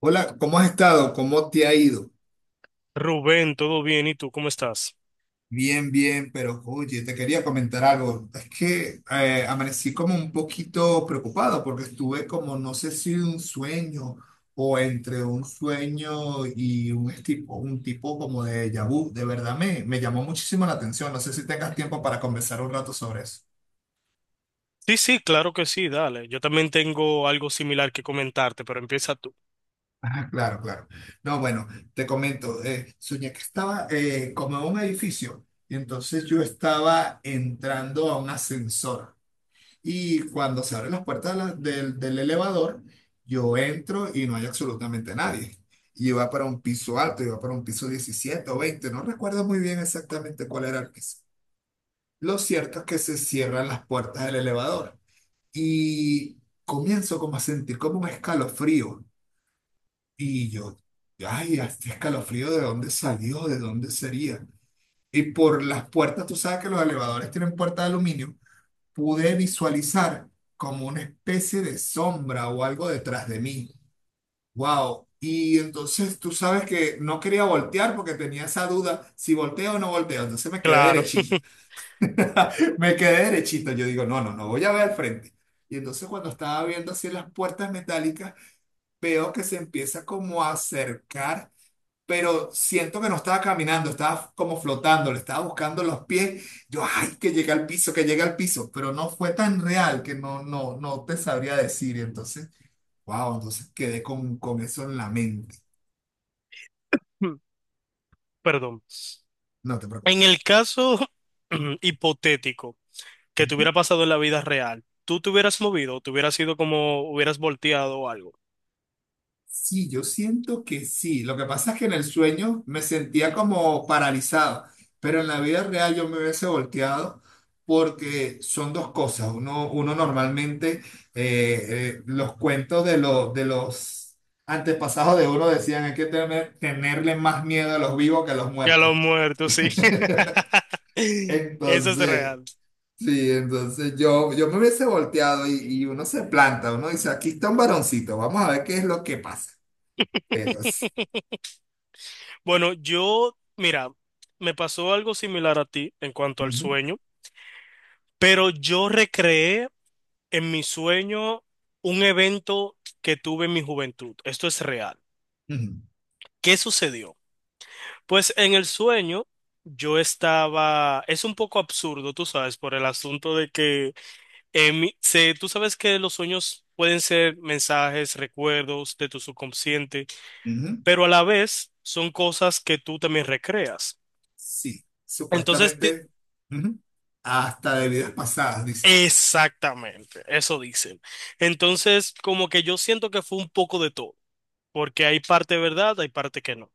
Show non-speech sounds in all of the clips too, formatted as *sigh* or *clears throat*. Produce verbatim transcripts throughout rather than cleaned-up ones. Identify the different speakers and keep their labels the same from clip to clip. Speaker 1: Hola, ¿cómo has estado? ¿Cómo te ha ido?
Speaker 2: Rubén, ¿todo bien? ¿Y tú cómo estás?
Speaker 1: Bien, bien, pero oye, te quería comentar algo. Es que eh, amanecí como un poquito preocupado porque estuve como, no sé si un sueño o entre un sueño y un tipo, un tipo como de déjà vu. De verdad me, me llamó muchísimo la atención. No sé si tengas tiempo para conversar un rato sobre eso.
Speaker 2: Sí, sí, claro que sí, dale. Yo también tengo algo similar que comentarte, pero empieza tú.
Speaker 1: Ah, claro, claro. No, bueno, te comento. Eh, soñé que estaba eh, como en un edificio y entonces yo estaba entrando a un ascensor. Y cuando se abren las puertas de la- del, del elevador, yo entro y no hay absolutamente nadie. Y iba para un piso alto, iba para un piso diecisiete o veinte, no recuerdo muy bien exactamente cuál era el piso. Lo cierto es que se cierran las puertas del elevador y comienzo como a sentir como un escalofrío. Y yo, ay, este escalofrío, ¿de dónde salió? ¿De dónde sería? Y por las puertas, tú sabes que los elevadores tienen puertas de aluminio, pude visualizar como una especie de sombra o algo detrás de mí. Wow. Y entonces tú sabes que no quería voltear porque tenía esa duda si volteo o no volteo. Entonces me quedé
Speaker 2: Claro,
Speaker 1: derechito. *laughs* Me quedé derechito. Yo digo, no, no, no voy a ver al frente. Y entonces cuando estaba viendo así las puertas metálicas, veo que se empieza como a acercar, pero siento que no estaba caminando, estaba como flotando, le estaba buscando los pies. Yo, ay, que llega al piso, que llega al piso, pero no fue tan real que no, no, no te sabría decir. Entonces, wow, entonces quedé con, con eso en la mente.
Speaker 2: *laughs* perdón.
Speaker 1: No te
Speaker 2: En
Speaker 1: preocupes.
Speaker 2: el caso *clears throat* hipotético que te hubiera pasado en la vida real, ¿tú te hubieras movido? ¿Te hubieras ido como hubieras volteado o algo?
Speaker 1: Sí, yo siento que sí. Lo que pasa es que en el sueño me sentía como paralizado, pero en la vida real yo me hubiese volteado porque son dos cosas. Uno, uno normalmente, eh, eh, los cuentos de, los de los antepasados de uno decían hay que tener, tenerle más miedo a los vivos que a los
Speaker 2: Ya
Speaker 1: muertos.
Speaker 2: lo muerto, sí.
Speaker 1: *laughs*
Speaker 2: *laughs* Eso es
Speaker 1: Entonces,
Speaker 2: real.
Speaker 1: sí, entonces yo, yo me hubiese volteado y, y uno se planta, uno dice, aquí está un varoncito, vamos a ver qué es lo que pasa. Pero sí.
Speaker 2: *laughs* Bueno, yo, mira, me pasó algo similar a ti en cuanto al sueño. Pero yo recreé en mi sueño un evento que tuve en mi juventud. Esto es real.
Speaker 1: Ujú,
Speaker 2: ¿Qué sucedió? Pues en el sueño yo estaba, es un poco absurdo, tú sabes, por el asunto de que en mi- se- tú sabes que los sueños pueden ser mensajes, recuerdos de tu subconsciente,
Speaker 1: ujú,
Speaker 2: pero a la vez son cosas que tú también recreas.
Speaker 1: sí,
Speaker 2: Entonces, te-
Speaker 1: supuestamente, ujú, hasta de vidas pasadas, dice.
Speaker 2: exactamente, eso dicen. Entonces, como que yo siento que fue un poco de todo, porque hay parte verdad, hay parte que no.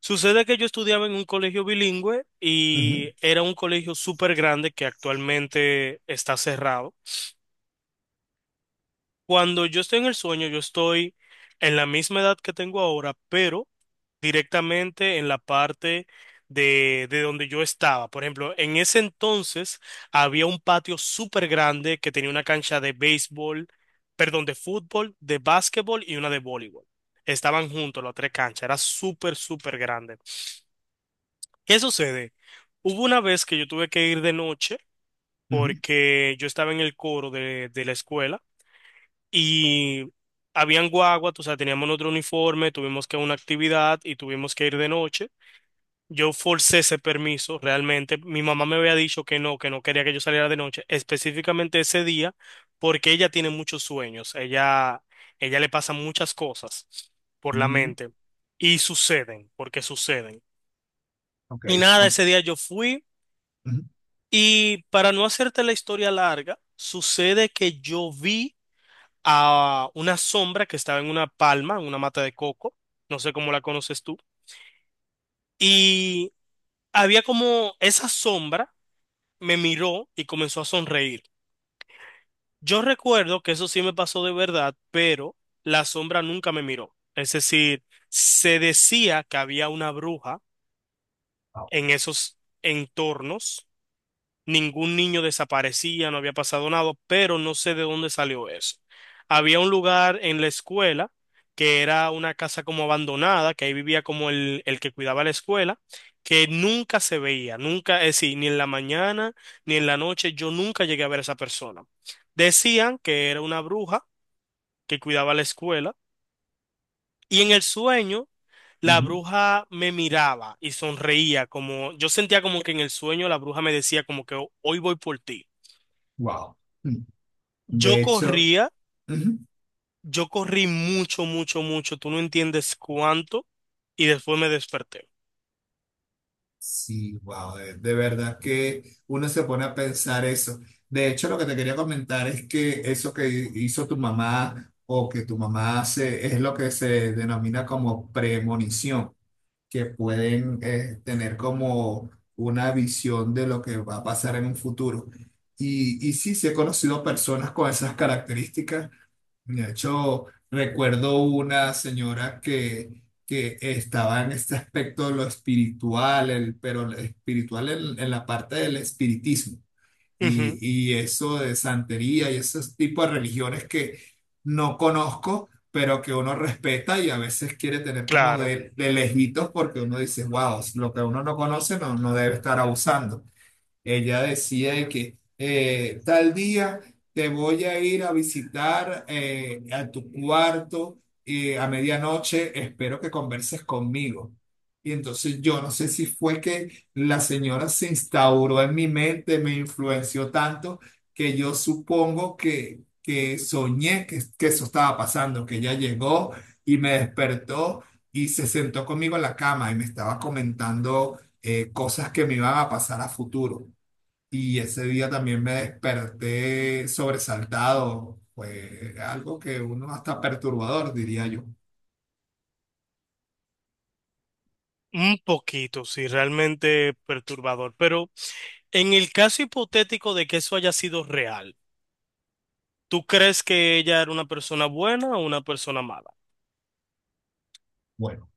Speaker 2: Sucede que yo estudiaba en un colegio bilingüe y
Speaker 1: Ujú,
Speaker 2: era un colegio súper grande que actualmente está cerrado. Cuando yo estoy en el sueño, yo estoy en la misma edad que tengo ahora, pero directamente en la parte de, de donde yo estaba. Por ejemplo, en ese entonces había un patio súper grande que tenía una cancha de béisbol, perdón, de fútbol, de básquetbol y una de voleibol. Estaban juntos las tres canchas, era súper, súper grande. ¿Qué sucede? Hubo una vez que yo tuve que ir de noche
Speaker 1: ujú,
Speaker 2: porque yo estaba en el coro de, de la escuela y habían guaguas, o sea, teníamos otro uniforme, tuvimos que una actividad y tuvimos que ir de noche. Yo forcé ese permiso, realmente. Mi mamá me había dicho que no, que no quería que yo saliera de noche, específicamente ese día, porque ella tiene muchos sueños, ella, ella le pasan muchas cosas por la
Speaker 1: mm,
Speaker 2: mente y suceden, porque suceden.
Speaker 1: ok,
Speaker 2: Y nada,
Speaker 1: son.
Speaker 2: ese día yo fui. Y para no hacerte la historia larga, sucede que yo vi a una sombra que estaba en una palma, en una mata de coco, no sé cómo la conoces tú, y había como esa sombra me miró y comenzó a sonreír. Yo recuerdo que eso sí me pasó de verdad, pero la sombra nunca me miró. Es decir, se decía que había una bruja en esos entornos, ningún niño desaparecía, no había pasado nada, pero no sé de dónde salió eso. Había un lugar en la escuela que era una casa como abandonada, que ahí vivía como el, el que cuidaba la escuela, que nunca se veía, nunca, es decir, ni en la mañana ni en la noche, yo nunca llegué a ver a esa persona. Decían que era una bruja que cuidaba la escuela y en el sueño la bruja me miraba y sonreía, como yo sentía como que en el sueño la bruja me decía como que "Ho- hoy voy por ti."
Speaker 1: Wow. Mm,
Speaker 2: Yo
Speaker 1: de hecho,
Speaker 2: corría,
Speaker 1: ujú,
Speaker 2: yo corrí mucho, mucho, mucho, tú no entiendes cuánto, y después me desperté.
Speaker 1: sí, wow. De, de verdad que uno se pone a pensar eso. De hecho, lo que te quería comentar es que eso que hizo tu mamá o que tu mamá hace es lo que se denomina como premonición. Que pueden eh, tener como una visión de lo que va a pasar en un futuro. Y, y sí, sí he conocido personas con esas características. De hecho, recuerdo una señora que, que estaba en este aspecto de lo espiritual, el, pero el espiritual en, en la parte del espiritismo
Speaker 2: Ujú,
Speaker 1: y, y eso de santería y ese tipo de religiones que no conozco, pero que uno respeta y a veces quiere tener como
Speaker 2: claro,
Speaker 1: de, de lejitos porque uno dice, wow, lo que uno no conoce no, no debe estar abusando. Ella decía de que eh, tal día te voy a ir a visitar eh, a tu cuarto y a medianoche espero que converses conmigo. Y entonces yo no sé si fue que la señora se instauró en mi mente, me influenció tanto que yo supongo que, que soñé que, que eso estaba pasando, que ella llegó y me despertó y se sentó conmigo en la cama y me estaba comentando eh, cosas que me iban a pasar a futuro. Y ese día también me desperté sobresaltado. Fue algo que uno hasta perturbador, diría yo.
Speaker 2: un poquito, sí, realmente perturbador, pero en el caso hipotético de que eso haya sido real, ¿tú crees que ella era una persona buena o una persona mala?
Speaker 1: Bueno,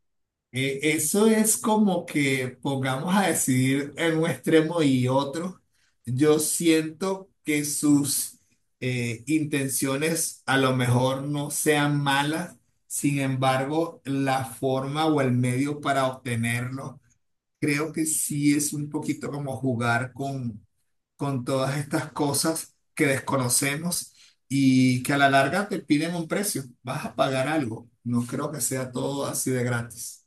Speaker 1: eh, eso es como que pongamos a decidir en un extremo y otro. Yo siento que sus eh, intenciones a lo mejor no sean malas. Sin embargo, la forma o el medio para obtenerlo, creo que sí es un poquito como jugar con con todas estas cosas que desconocemos y que a la larga te piden un precio. Vas a pagar algo. No creo que sea todo así de gratis.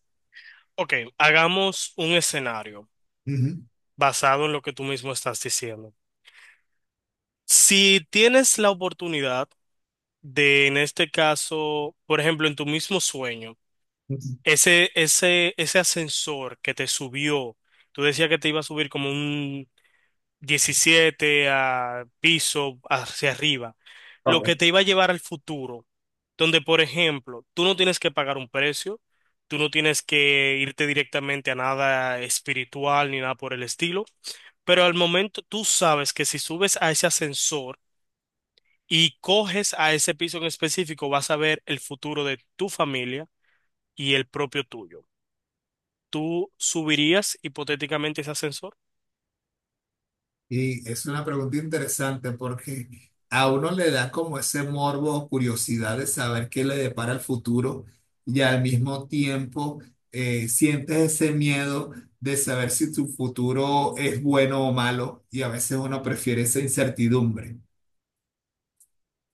Speaker 2: Ok, hagamos un escenario
Speaker 1: Ujú.
Speaker 2: basado en lo que tú mismo estás diciendo. Si tienes la oportunidad de, en este caso, por ejemplo, en tu mismo sueño,
Speaker 1: Ujú.
Speaker 2: ese, ese, ese ascensor que te subió, tú decías que te iba a subir como un diecisiete a piso hacia arriba, lo que
Speaker 1: Ok.
Speaker 2: te iba a llevar al futuro, donde, por ejemplo, tú no tienes que pagar un precio, tú no tienes que irte directamente a nada espiritual ni nada por el estilo, pero al momento tú sabes que si subes a ese ascensor y coges a ese piso en específico, vas a ver el futuro de tu familia y el propio tuyo. ¿Tú subirías hipotéticamente ese ascensor?
Speaker 1: Y es una pregunta interesante porque a uno le da como ese morbo o curiosidad de saber qué le depara el futuro y al mismo tiempo eh, sientes ese miedo de saber si tu futuro es bueno o malo y a veces uno prefiere esa incertidumbre.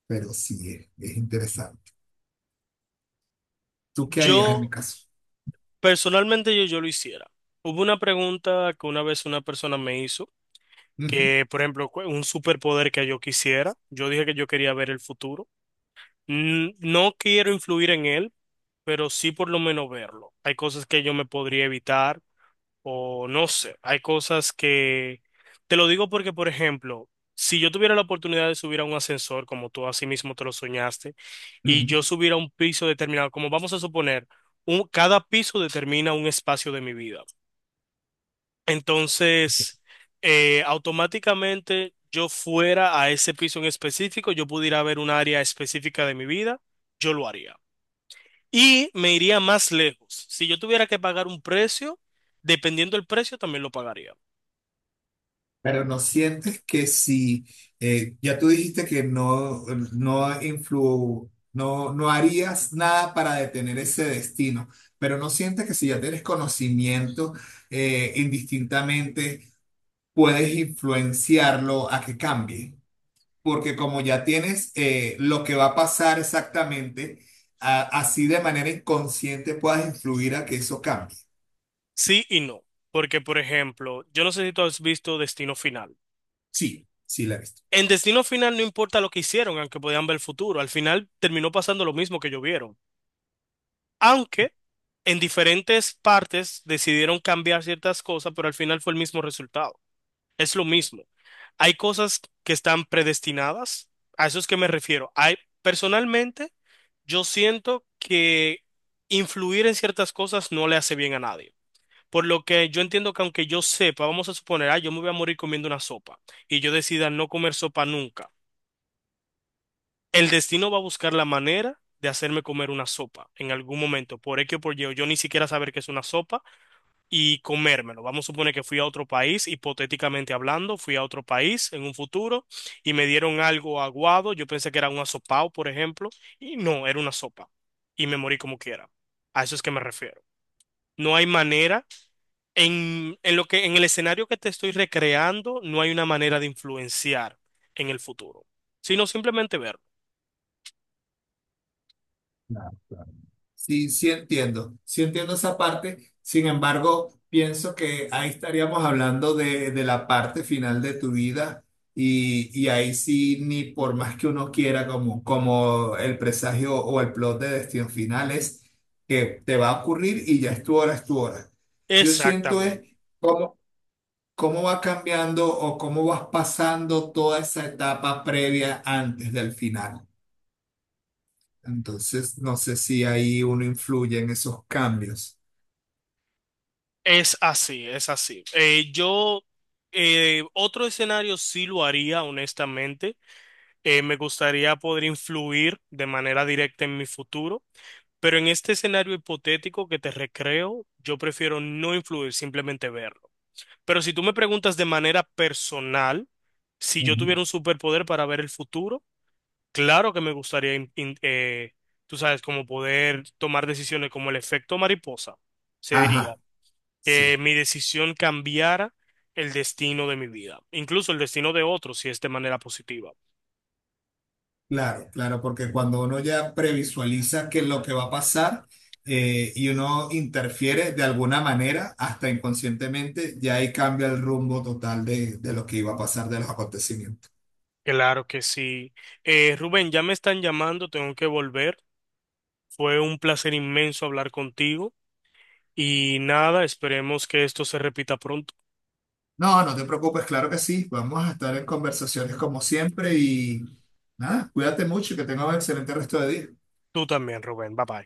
Speaker 1: Pero sí es, es interesante. ¿Tú qué harías en mi
Speaker 2: Yo,
Speaker 1: caso?
Speaker 2: personalmente, yo, yo lo hiciera. Hubo una pregunta que una vez una persona me hizo,
Speaker 1: Ujú,
Speaker 2: que, por ejemplo, cu- un superpoder que yo quisiera. Yo dije que yo quería ver el futuro. N- No quiero influir en él, pero sí por lo menos verlo. Hay cosas que yo me podría evitar, o no sé, hay cosas que... Te lo digo porque, por ejemplo, si yo tuviera la oportunidad de subir a un ascensor, como tú así mismo te lo soñaste, y yo
Speaker 1: ujú.
Speaker 2: subiera a un piso determinado, como vamos a suponer, un, cada piso determina un espacio de mi vida. Entonces, eh, automáticamente yo fuera a ese piso en específico, yo pudiera ver un área específica de mi vida, yo lo haría. Y me iría más lejos. Si yo tuviera que pagar un precio, dependiendo del precio, también lo pagaría.
Speaker 1: Pero no sientes que si, eh, ya tú dijiste que no, no influ, no, no harías nada para detener ese destino, pero no sientes que si ya tienes conocimiento, eh, indistintamente puedes influenciarlo a que cambie, porque como ya tienes eh, lo que va a pasar exactamente, a- así de manera inconsciente puedas influir a que eso cambie.
Speaker 2: Sí y no, porque por ejemplo, yo no sé si tú has visto Destino Final.
Speaker 1: Sí, sí la he visto.
Speaker 2: En Destino Final no importa lo que hicieron, aunque podían ver el futuro, al final terminó pasando lo mismo que ellos vieron. Aunque en diferentes partes decidieron cambiar ciertas cosas, pero al final fue el mismo resultado. Es lo mismo. Hay cosas que están predestinadas, a eso es que me refiero. Hay, personalmente, yo siento que influir en ciertas cosas no le hace bien a nadie. Por lo que yo entiendo que aunque yo sepa, vamos a suponer, ah, yo me voy a morir comiendo una sopa y yo decida no comer sopa nunca, el destino va a buscar la manera de hacerme comer una sopa en algún momento, por X o por Y, o yo ni siquiera saber que es una sopa y comérmelo. Vamos a suponer que fui a otro país, hipotéticamente hablando, fui a otro país en un futuro y me dieron algo aguado, yo pensé que era un asopao, por ejemplo, y no, era una sopa y me morí como quiera. A eso es que me refiero. No hay manera. En, en lo que, en el escenario que te estoy recreando, no hay una manera de influenciar en el futuro, sino simplemente verlo.
Speaker 1: Claro, claro. Sí, sí entiendo, sí entiendo esa parte. Sin embargo, pienso que ahí estaríamos hablando de, de la parte final de tu vida y, y ahí sí, ni por más que uno quiera, como, como el presagio o el plot de Destino Final es que te va a ocurrir y ya es tu hora, es tu hora. Yo siento es
Speaker 2: Exactamente.
Speaker 1: cómo, cómo va cambiando o cómo vas pasando toda esa etapa previa antes del final. Entonces, no sé si ahí uno influye en esos cambios.
Speaker 2: Es así, es así. Eh, yo, eh, otro escenario sí lo haría, honestamente. Eh, me gustaría poder influir de manera directa en mi futuro, pero en este escenario hipotético que te recreo, yo prefiero no influir, simplemente verlo. Pero si tú me preguntas de manera personal, si yo
Speaker 1: Ujú.
Speaker 2: tuviera un superpoder para ver el futuro, claro que me gustaría, in- in- eh, tú sabes, como poder tomar decisiones como el efecto mariposa, se diría,
Speaker 1: Ajá,
Speaker 2: que
Speaker 1: sí,
Speaker 2: mi decisión cambiara el destino de mi vida, incluso el destino de otros, si es de manera positiva.
Speaker 1: claro, claro, porque cuando uno ya previsualiza qué es lo que va a pasar eh, y uno interfiere de alguna manera, hasta inconscientemente, ya ahí cambia el rumbo total de, de lo que iba a pasar, de los acontecimientos.
Speaker 2: Claro que sí. Eh, Rubén, ya me están llamando, tengo que volver. Fue un placer inmenso hablar contigo y nada, esperemos que esto se repita pronto.
Speaker 1: No, no te preocupes, claro que sí, vamos a estar en conversaciones como siempre y nada, cuídate mucho y que tengas un excelente resto de día.
Speaker 2: Tú también, Rubén. Bye bye.